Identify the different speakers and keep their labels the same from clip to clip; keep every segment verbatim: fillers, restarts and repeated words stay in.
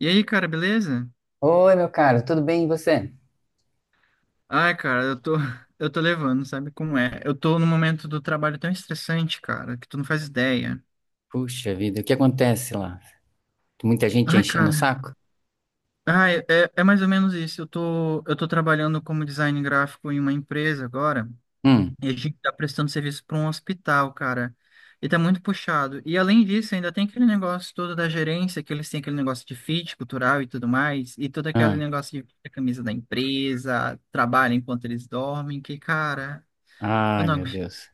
Speaker 1: E aí, cara, beleza?
Speaker 2: Oi, meu caro, tudo bem? E você?
Speaker 1: Ai, cara, eu tô, eu tô levando, sabe como é? Eu tô num momento do trabalho tão estressante, cara, que tu não faz ideia.
Speaker 2: Puxa vida, o que acontece lá? Muita gente
Speaker 1: Ai,
Speaker 2: enchendo o
Speaker 1: cara.
Speaker 2: saco?
Speaker 1: Ai, é, é mais ou menos isso. Eu tô, eu tô trabalhando como design gráfico em uma empresa agora,
Speaker 2: Hum,
Speaker 1: e a gente tá prestando serviço para um hospital, cara. E tá muito puxado. E além disso, ainda tem aquele negócio todo da gerência, que eles têm aquele negócio de fit cultural e tudo mais, e todo aquele
Speaker 2: hum.
Speaker 1: negócio de vestir a camisa da empresa, trabalha enquanto eles dormem, que, cara. Eu
Speaker 2: Ai,
Speaker 1: não.
Speaker 2: meu Deus.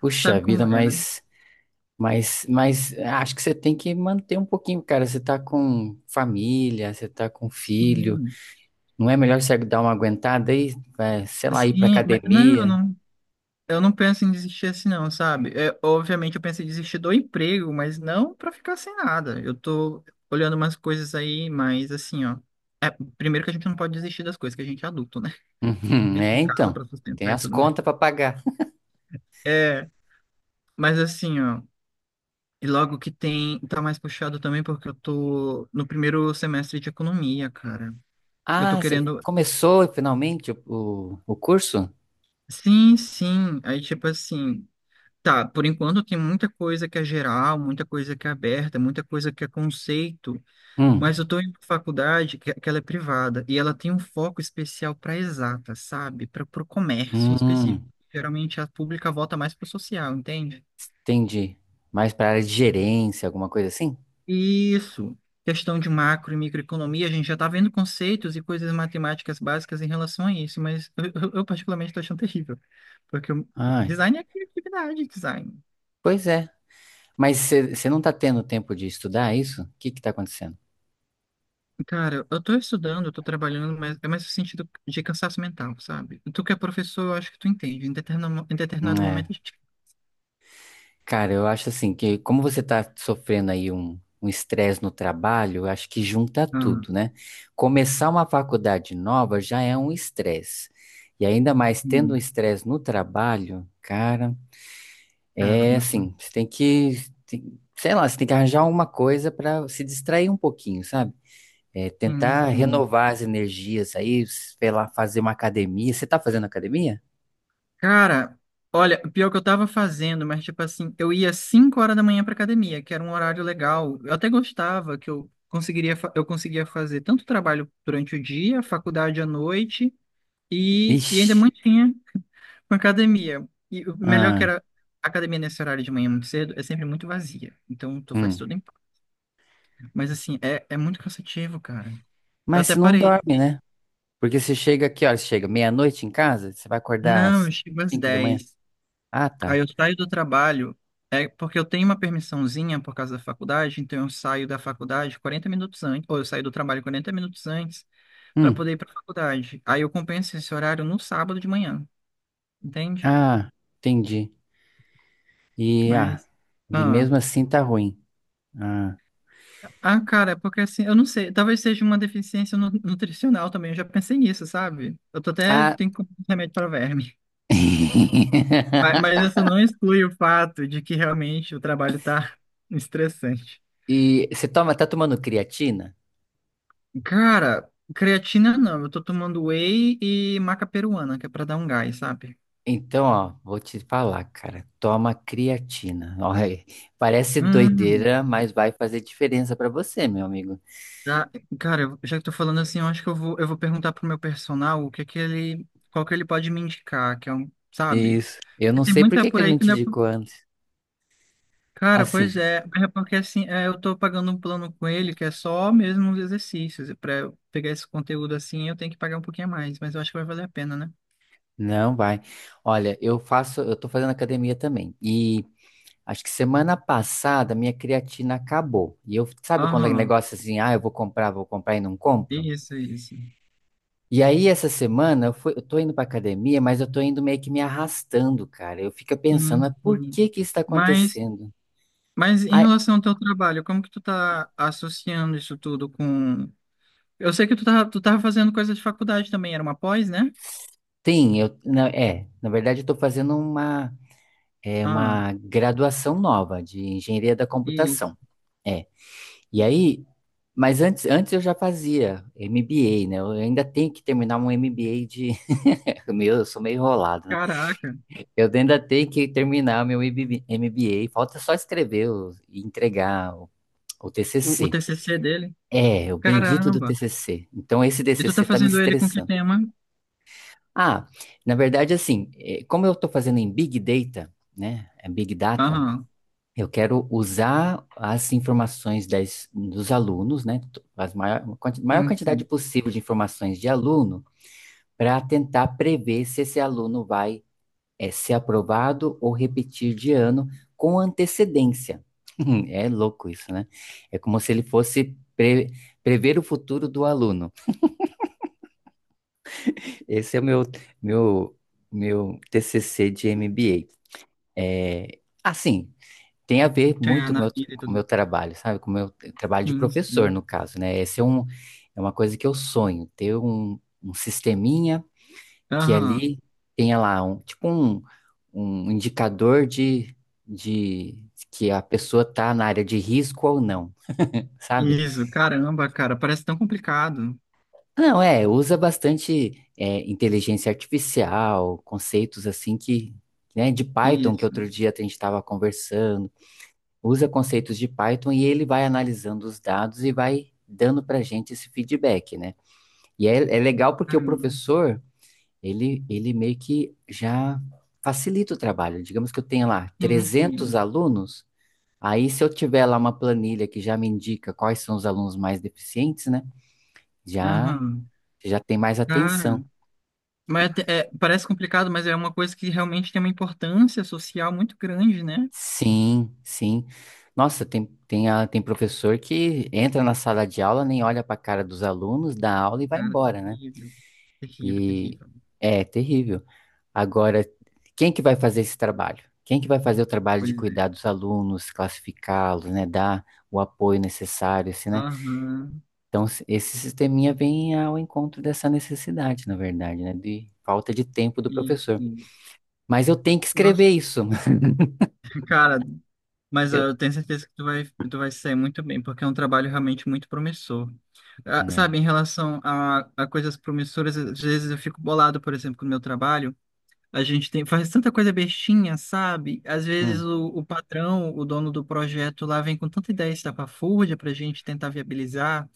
Speaker 2: Puxa
Speaker 1: Sabe
Speaker 2: vida,
Speaker 1: como é, né?
Speaker 2: mas, mas, mas acho que você tem que manter um pouquinho, cara. Você tá com família, você tá com filho.
Speaker 1: Sim,
Speaker 2: Não é melhor você dar uma aguentada aí? Vai, sei lá, ir pra
Speaker 1: sim, mas- não, eu
Speaker 2: academia?
Speaker 1: não, eu não penso em desistir assim, não, sabe? É, obviamente eu penso em desistir do emprego, mas não pra ficar sem nada. Eu tô olhando umas coisas aí, mas assim, ó. É, primeiro que a gente não pode desistir das coisas, que a gente é adulto, né? A
Speaker 2: Uhum,
Speaker 1: gente tem
Speaker 2: é,
Speaker 1: casa
Speaker 2: então.
Speaker 1: pra
Speaker 2: Tem
Speaker 1: sustentar e
Speaker 2: as
Speaker 1: tudo mais.
Speaker 2: contas pra pagar.
Speaker 1: É, mas assim, ó. E logo que tem, tá mais puxado também, porque eu tô no primeiro semestre de economia, cara. Eu tô
Speaker 2: Ah, você
Speaker 1: querendo.
Speaker 2: começou finalmente o, o, o curso?
Speaker 1: Sim, sim. Aí, tipo assim. Tá, por enquanto tem muita coisa que é geral, muita coisa que é aberta, muita coisa que é conceito, mas
Speaker 2: Hum,
Speaker 1: eu estou em uma faculdade que, que ela é privada e ela tem um foco especial para exata, sabe? Para o comércio em específico.
Speaker 2: hum.
Speaker 1: Geralmente a pública volta mais para o social, entende?
Speaker 2: Entendi. Mais para área de gerência, alguma coisa assim?
Speaker 1: Isso. Questão de macro e microeconomia, a gente já está vendo conceitos e coisas matemáticas básicas em relação a isso, mas eu, eu- eu particularmente estou achando terrível, porque o
Speaker 2: Ai,
Speaker 1: design é criatividade, design.
Speaker 2: pois é. Mas você não tá tendo tempo de estudar isso? O que que tá acontecendo?
Speaker 1: Cara, eu tô estudando, eu tô trabalhando, mas é mais no sentido de cansaço mental, sabe? Tu que é professor, eu acho que tu entende. Em determinado, em
Speaker 2: Hum,
Speaker 1: determinado momento
Speaker 2: É.
Speaker 1: a gente.
Speaker 2: Cara, eu acho assim que como você tá sofrendo aí um um estresse no trabalho, eu acho que junta
Speaker 1: Ah,
Speaker 2: tudo, né? Começar uma faculdade nova já é um estresse. E ainda mais tendo um
Speaker 1: hum,
Speaker 2: estresse no trabalho, cara,
Speaker 1: cara,
Speaker 2: é
Speaker 1: muito.
Speaker 2: assim, você tem que, tem- sei lá, você tem que arranjar alguma coisa para se distrair um pouquinho, sabe? É,
Speaker 1: Sim,
Speaker 2: tentar
Speaker 1: sim.
Speaker 2: renovar as energias aí, sei lá, fazer uma academia. Você tá fazendo academia?
Speaker 1: Cara, olha, pior que eu tava fazendo, mas tipo assim, eu ia cinco horas da manhã pra academia, que era um horário legal. Eu até gostava que eu conseguiria, fa- eu conseguia fazer tanto trabalho durante o dia, faculdade à noite, e, e ainda
Speaker 2: Ixi.
Speaker 1: mantinha. Com academia. E o melhor que
Speaker 2: Ai,
Speaker 1: era. A academia nesse horário de manhã muito cedo é sempre muito vazia. Então tu faz
Speaker 2: hum.
Speaker 1: tudo em paz. Mas assim, é, é muito cansativo, cara. Eu
Speaker 2: Mas
Speaker 1: até
Speaker 2: você não
Speaker 1: parei.
Speaker 2: dorme, né? Porque você chega aqui, ó, chega meia-noite em casa, você vai acordar
Speaker 1: Não, eu
Speaker 2: às
Speaker 1: chego às
Speaker 2: cinco da manhã.
Speaker 1: dez.
Speaker 2: Ah,
Speaker 1: Aí
Speaker 2: tá.
Speaker 1: eu saio do trabalho. É porque eu tenho uma permissãozinha por causa da faculdade, então eu saio da faculdade quarenta minutos antes, ou eu saio do trabalho quarenta minutos antes para
Speaker 2: Hum.
Speaker 1: poder ir para a faculdade. Aí eu compenso esse horário no sábado de manhã, entende?
Speaker 2: Ah, entendi. E, ah,
Speaker 1: Mas,
Speaker 2: e
Speaker 1: ah.
Speaker 2: mesmo assim tá ruim. Ah.
Speaker 1: Ah, cara, é porque assim, eu não sei, talvez seja uma deficiência nu- nutricional também, eu já pensei nisso, sabe? Eu tô até
Speaker 2: Ah.
Speaker 1: tenho que comprar um remédio para verme. Mas, mas isso não exclui o fato de que realmente o trabalho tá estressante.
Speaker 2: E você toma, tá tomando creatina?
Speaker 1: Cara, creatina não, eu tô tomando whey e maca peruana, que é pra dar um gás, sabe?
Speaker 2: Então, ó, vou te falar, cara. Toma creatina. Olha aí. Parece
Speaker 1: Hum,
Speaker 2: doideira, mas vai fazer diferença pra você, meu amigo.
Speaker 1: tá. Cara, eu- já que tô falando assim, eu acho que eu vou, eu vou perguntar pro meu personal o que que ele, qual que ele pode me indicar, que é um, sabe?
Speaker 2: Isso. Eu não
Speaker 1: Tem
Speaker 2: sei por
Speaker 1: muita
Speaker 2: que que
Speaker 1: por
Speaker 2: ele
Speaker 1: aí
Speaker 2: não
Speaker 1: que
Speaker 2: te
Speaker 1: não é.
Speaker 2: indicou antes.
Speaker 1: Cara, pois
Speaker 2: Assim,
Speaker 1: é, mas é porque assim, é, eu tô pagando um plano com ele que é só mesmo os exercícios. Para eu pegar esse conteúdo assim, eu tenho que pagar um pouquinho a mais, mas eu acho que vai valer a pena, né?
Speaker 2: não vai. Olha, eu faço, eu tô fazendo academia também. E acho que semana passada minha creatina acabou. E eu, sabe quando é
Speaker 1: Aham,
Speaker 2: negócio assim, ah, eu vou comprar, vou comprar e não compro?
Speaker 1: isso, isso.
Speaker 2: E aí, essa semana, eu, fui, eu tô indo pra academia, mas eu tô indo meio que me arrastando, cara. Eu fico pensando,
Speaker 1: Sim,
Speaker 2: mas por
Speaker 1: sim.
Speaker 2: que que isso tá
Speaker 1: Mas,
Speaker 2: acontecendo?
Speaker 1: mas em
Speaker 2: Ah,
Speaker 1: relação ao teu trabalho, como que tu tá associando isso tudo com... Eu sei que tu tava, tu tava fazendo coisa de faculdade também, era uma pós, né?
Speaker 2: tem, eu, na, é, na verdade eu estou fazendo uma, é,
Speaker 1: Ah,
Speaker 2: uma graduação nova de engenharia da
Speaker 1: isso.
Speaker 2: computação, é, e aí, mas antes, antes eu já fazia M B A, né, eu ainda tenho que terminar um M B A de, meu, eu sou meio enrolado, né,
Speaker 1: Caraca,
Speaker 2: eu ainda tenho que terminar meu M B A, falta só escrever o- e entregar o, o
Speaker 1: o, o
Speaker 2: T C C,
Speaker 1: T C C dele?
Speaker 2: é, o bendito do
Speaker 1: Caramba.
Speaker 2: T C C, então esse
Speaker 1: E tu tá
Speaker 2: T C C está me
Speaker 1: fazendo ele com que
Speaker 2: estressando.
Speaker 1: tema?
Speaker 2: Ah, na verdade, assim, eh, como eu estou fazendo em Big Data, né, é Big Data,
Speaker 1: Aham,
Speaker 2: eu quero usar as informações das- dos alunos, né, t- as maior, quanti- maior
Speaker 1: sim,
Speaker 2: quantidade
Speaker 1: sim.
Speaker 2: possível de informações de aluno, para tentar prever se esse aluno vai, eh, ser aprovado ou repetir de ano com antecedência. É louco isso, né? É como se ele fosse pre- prever o futuro do aluno. Esse é o meu, meu, meu T C C de M B A. É, assim, tem a ver
Speaker 1: Ganhar
Speaker 2: muito com
Speaker 1: na
Speaker 2: o meu,
Speaker 1: vida e
Speaker 2: com o
Speaker 1: tudo.
Speaker 2: meu
Speaker 1: Mais.
Speaker 2: trabalho, sabe? Com o meu trabalho de
Speaker 1: Sim,
Speaker 2: professor,
Speaker 1: sim.
Speaker 2: no caso, né? Esse é um, é uma coisa que eu sonho, ter um, um sisteminha que
Speaker 1: Aham.
Speaker 2: ali tenha lá um, tipo um, um indicador de, de que a pessoa tá na área de risco ou não, sabe?
Speaker 1: Isso, caramba, cara, parece tão complicado.
Speaker 2: Não, é, usa bastante é, inteligência artificial, conceitos assim que, né, de Python, que
Speaker 1: Isso,
Speaker 2: outro dia a gente estava conversando, usa conceitos de Python e ele vai analisando os dados e vai dando para a gente esse feedback, né? E é, é legal porque o
Speaker 1: caramba.
Speaker 2: professor, ele, ele meio que já facilita o trabalho. Digamos que eu tenha lá
Speaker 1: Sim,
Speaker 2: trezentos
Speaker 1: sim.
Speaker 2: alunos, aí se eu tiver lá uma planilha que já me indica quais são os alunos mais deficientes, né? Já,
Speaker 1: Aham.
Speaker 2: já tem mais atenção.
Speaker 1: Cara, mas é- é- parece complicado, mas é uma coisa que realmente tem uma importância social muito grande, né?
Speaker 2: Sim, sim. Nossa, tem, tem, a- tem professor que entra na sala de aula, nem olha para a cara dos alunos, dá aula e vai
Speaker 1: Cara,
Speaker 2: embora, né?
Speaker 1: terrível. Terrível,
Speaker 2: E
Speaker 1: terrível.
Speaker 2: é terrível. Agora, quem que vai fazer esse trabalho? Quem que vai fazer o trabalho de
Speaker 1: Pois é.
Speaker 2: cuidar dos alunos, classificá-los, né, dar o apoio necessário, assim, né?
Speaker 1: Aham.
Speaker 2: Então, se- esse sisteminha vem ao encontro dessa necessidade, na verdade, né, de falta de tempo do
Speaker 1: Isso,
Speaker 2: professor.
Speaker 1: isso.
Speaker 2: Mas eu tenho que
Speaker 1: Nossa,
Speaker 2: escrever isso.
Speaker 1: cara. Mas ah,
Speaker 2: Eu,
Speaker 1: eu tenho certeza que tu vai, tu vai se sair muito bem, porque é um trabalho realmente muito promissor. Ah,
Speaker 2: né?
Speaker 1: sabe, em relação a, a coisas promissoras, às vezes eu fico bolado, por exemplo, com o meu trabalho. A gente tem, faz tanta coisa bestinha, sabe? Às vezes
Speaker 2: Hum.
Speaker 1: o, o patrão, o dono do projeto lá, vem com tanta ideia estapafúrdia para a gente tentar viabilizar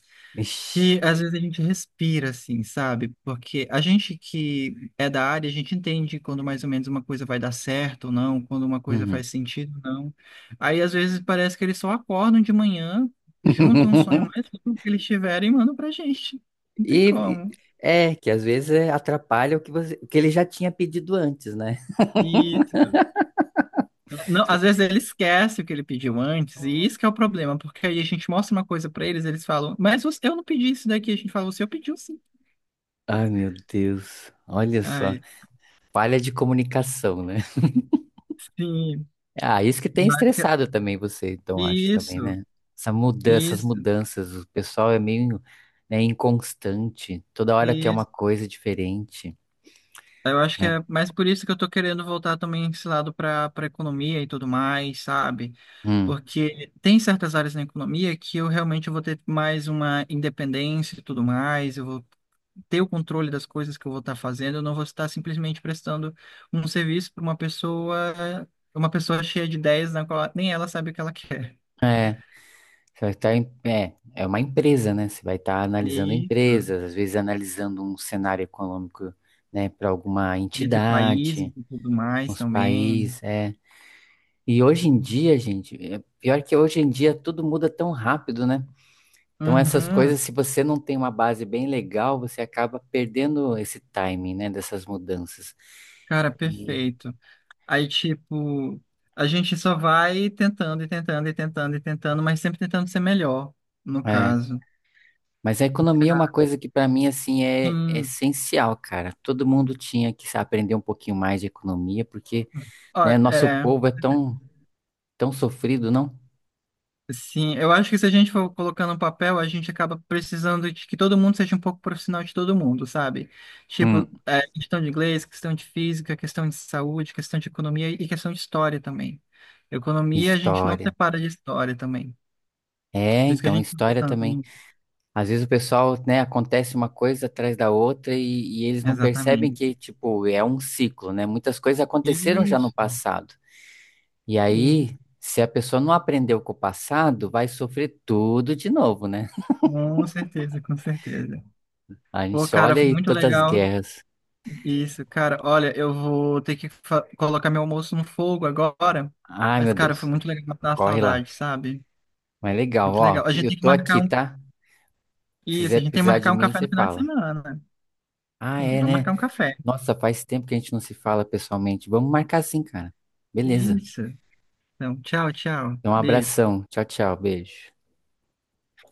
Speaker 2: Ixi.
Speaker 1: que às vezes a gente respira assim, sabe? Porque a gente que é da área, a gente entende quando mais ou menos uma coisa vai dar certo ou não, quando uma coisa
Speaker 2: Uhum.
Speaker 1: faz sentido ou não. Aí às vezes parece que eles só acordam de manhã, juntam um sonho mais louco que eles tiverem e mandam pra gente. Não tem
Speaker 2: E e-
Speaker 1: como.
Speaker 2: é que às vezes é, atrapalha o que você, o que ele já tinha pedido antes, né?
Speaker 1: Isso. Não, às vezes ele esquece o que ele pediu antes, e isso que é o problema, porque aí a gente mostra uma coisa pra eles, eles falam, mas você- eu não pedi isso daqui, a gente fala, você pediu sim.
Speaker 2: Ai, meu Deus. Olha só.
Speaker 1: Ai,
Speaker 2: Falha de comunicação, né?
Speaker 1: sim,
Speaker 2: Ah, isso que tem
Speaker 1: eu acho que é
Speaker 2: estressado também você, então, acho também,
Speaker 1: isso.
Speaker 2: né? Essa mudança, essas
Speaker 1: Isso,
Speaker 2: mudanças, o pessoal é meio, né, inconstante. Toda hora quer uma
Speaker 1: isso.
Speaker 2: coisa diferente,
Speaker 1: Eu acho que
Speaker 2: né?
Speaker 1: é mais por isso que eu tô querendo voltar também esse lado para para economia e tudo mais, sabe?
Speaker 2: Hum.
Speaker 1: Porque tem certas áreas na economia que eu realmente vou ter mais uma independência e tudo mais, eu vou ter o controle das coisas que eu vou estar fazendo, eu não vou estar simplesmente prestando um serviço para uma pessoa, uma pessoa cheia de ideias na qual nem ela sabe o que ela quer.
Speaker 2: É, você vai estar em- é, é uma empresa, né? Você vai estar analisando
Speaker 1: Isso.
Speaker 2: empresas, às vezes analisando um cenário econômico, né, para alguma
Speaker 1: Entre países
Speaker 2: entidade,
Speaker 1: e tudo mais
Speaker 2: uns
Speaker 1: também.
Speaker 2: países, é. E hoje em dia, gente, é pior que hoje em dia tudo muda tão rápido, né? Então essas
Speaker 1: Uhum.
Speaker 2: coisas, se você não tem uma base bem legal, você acaba perdendo esse timing, né, dessas mudanças.
Speaker 1: Cara,
Speaker 2: E,
Speaker 1: perfeito. Aí, tipo, a gente só vai tentando e tentando e tentando e tentando, mas sempre tentando ser melhor, no
Speaker 2: é,
Speaker 1: caso.
Speaker 2: mas a economia é uma coisa que para mim assim é, é
Speaker 1: Sim,
Speaker 2: essencial, cara. Todo mundo tinha que aprender um pouquinho mais de economia, porque,
Speaker 1: ó,
Speaker 2: né, nosso
Speaker 1: é,
Speaker 2: povo é tão tão sofrido, não?
Speaker 1: sim, eu acho que se a gente for colocando um papel, a gente acaba precisando de que todo mundo seja um pouco profissional de todo mundo, sabe? Tipo,
Speaker 2: Hum,
Speaker 1: é, questão de inglês, questão de física, questão de saúde, questão de economia e questão de história também. Economia a gente não
Speaker 2: história.
Speaker 1: separa de história também.
Speaker 2: É,
Speaker 1: Por isso que a
Speaker 2: então
Speaker 1: gente não tá
Speaker 2: história
Speaker 1: tanto.
Speaker 2: também.
Speaker 1: No-.
Speaker 2: Às vezes o pessoal, né, acontece uma coisa atrás da outra e, e eles não percebem
Speaker 1: Exatamente.
Speaker 2: que, tipo, é um ciclo, né? Muitas coisas aconteceram já no
Speaker 1: Isso.
Speaker 2: passado. E aí, se a pessoa não aprendeu com o passado, vai sofrer tudo de novo, né?
Speaker 1: Com certeza, com certeza.
Speaker 2: A gente
Speaker 1: Pô,
Speaker 2: só
Speaker 1: cara,
Speaker 2: olha
Speaker 1: foi
Speaker 2: aí
Speaker 1: muito
Speaker 2: todas as
Speaker 1: legal
Speaker 2: guerras.
Speaker 1: isso, cara. Olha, eu vou ter que fa- colocar meu almoço no fogo agora,
Speaker 2: Ai, meu
Speaker 1: mas, cara, foi
Speaker 2: Deus,
Speaker 1: muito legal matar a
Speaker 2: corre lá.
Speaker 1: saudade, sabe?
Speaker 2: Mas legal,
Speaker 1: Muito legal.
Speaker 2: ó,
Speaker 1: A gente
Speaker 2: eu
Speaker 1: tem que
Speaker 2: tô
Speaker 1: marcar
Speaker 2: aqui,
Speaker 1: um.
Speaker 2: tá? Se
Speaker 1: Isso,
Speaker 2: quiser
Speaker 1: a gente tem que
Speaker 2: precisar de
Speaker 1: marcar um
Speaker 2: mim,
Speaker 1: café
Speaker 2: você
Speaker 1: no final de
Speaker 2: fala.
Speaker 1: semana.
Speaker 2: Ah,
Speaker 1: Sim,
Speaker 2: é,
Speaker 1: vamos
Speaker 2: né?
Speaker 1: marcar um café.
Speaker 2: Nossa, faz tempo que a gente não se fala pessoalmente. Vamos marcar assim, cara. Beleza.
Speaker 1: Isso. Então, tchau, tchau.
Speaker 2: Então, um
Speaker 1: Beijo.
Speaker 2: abração. Tchau, tchau. Beijo.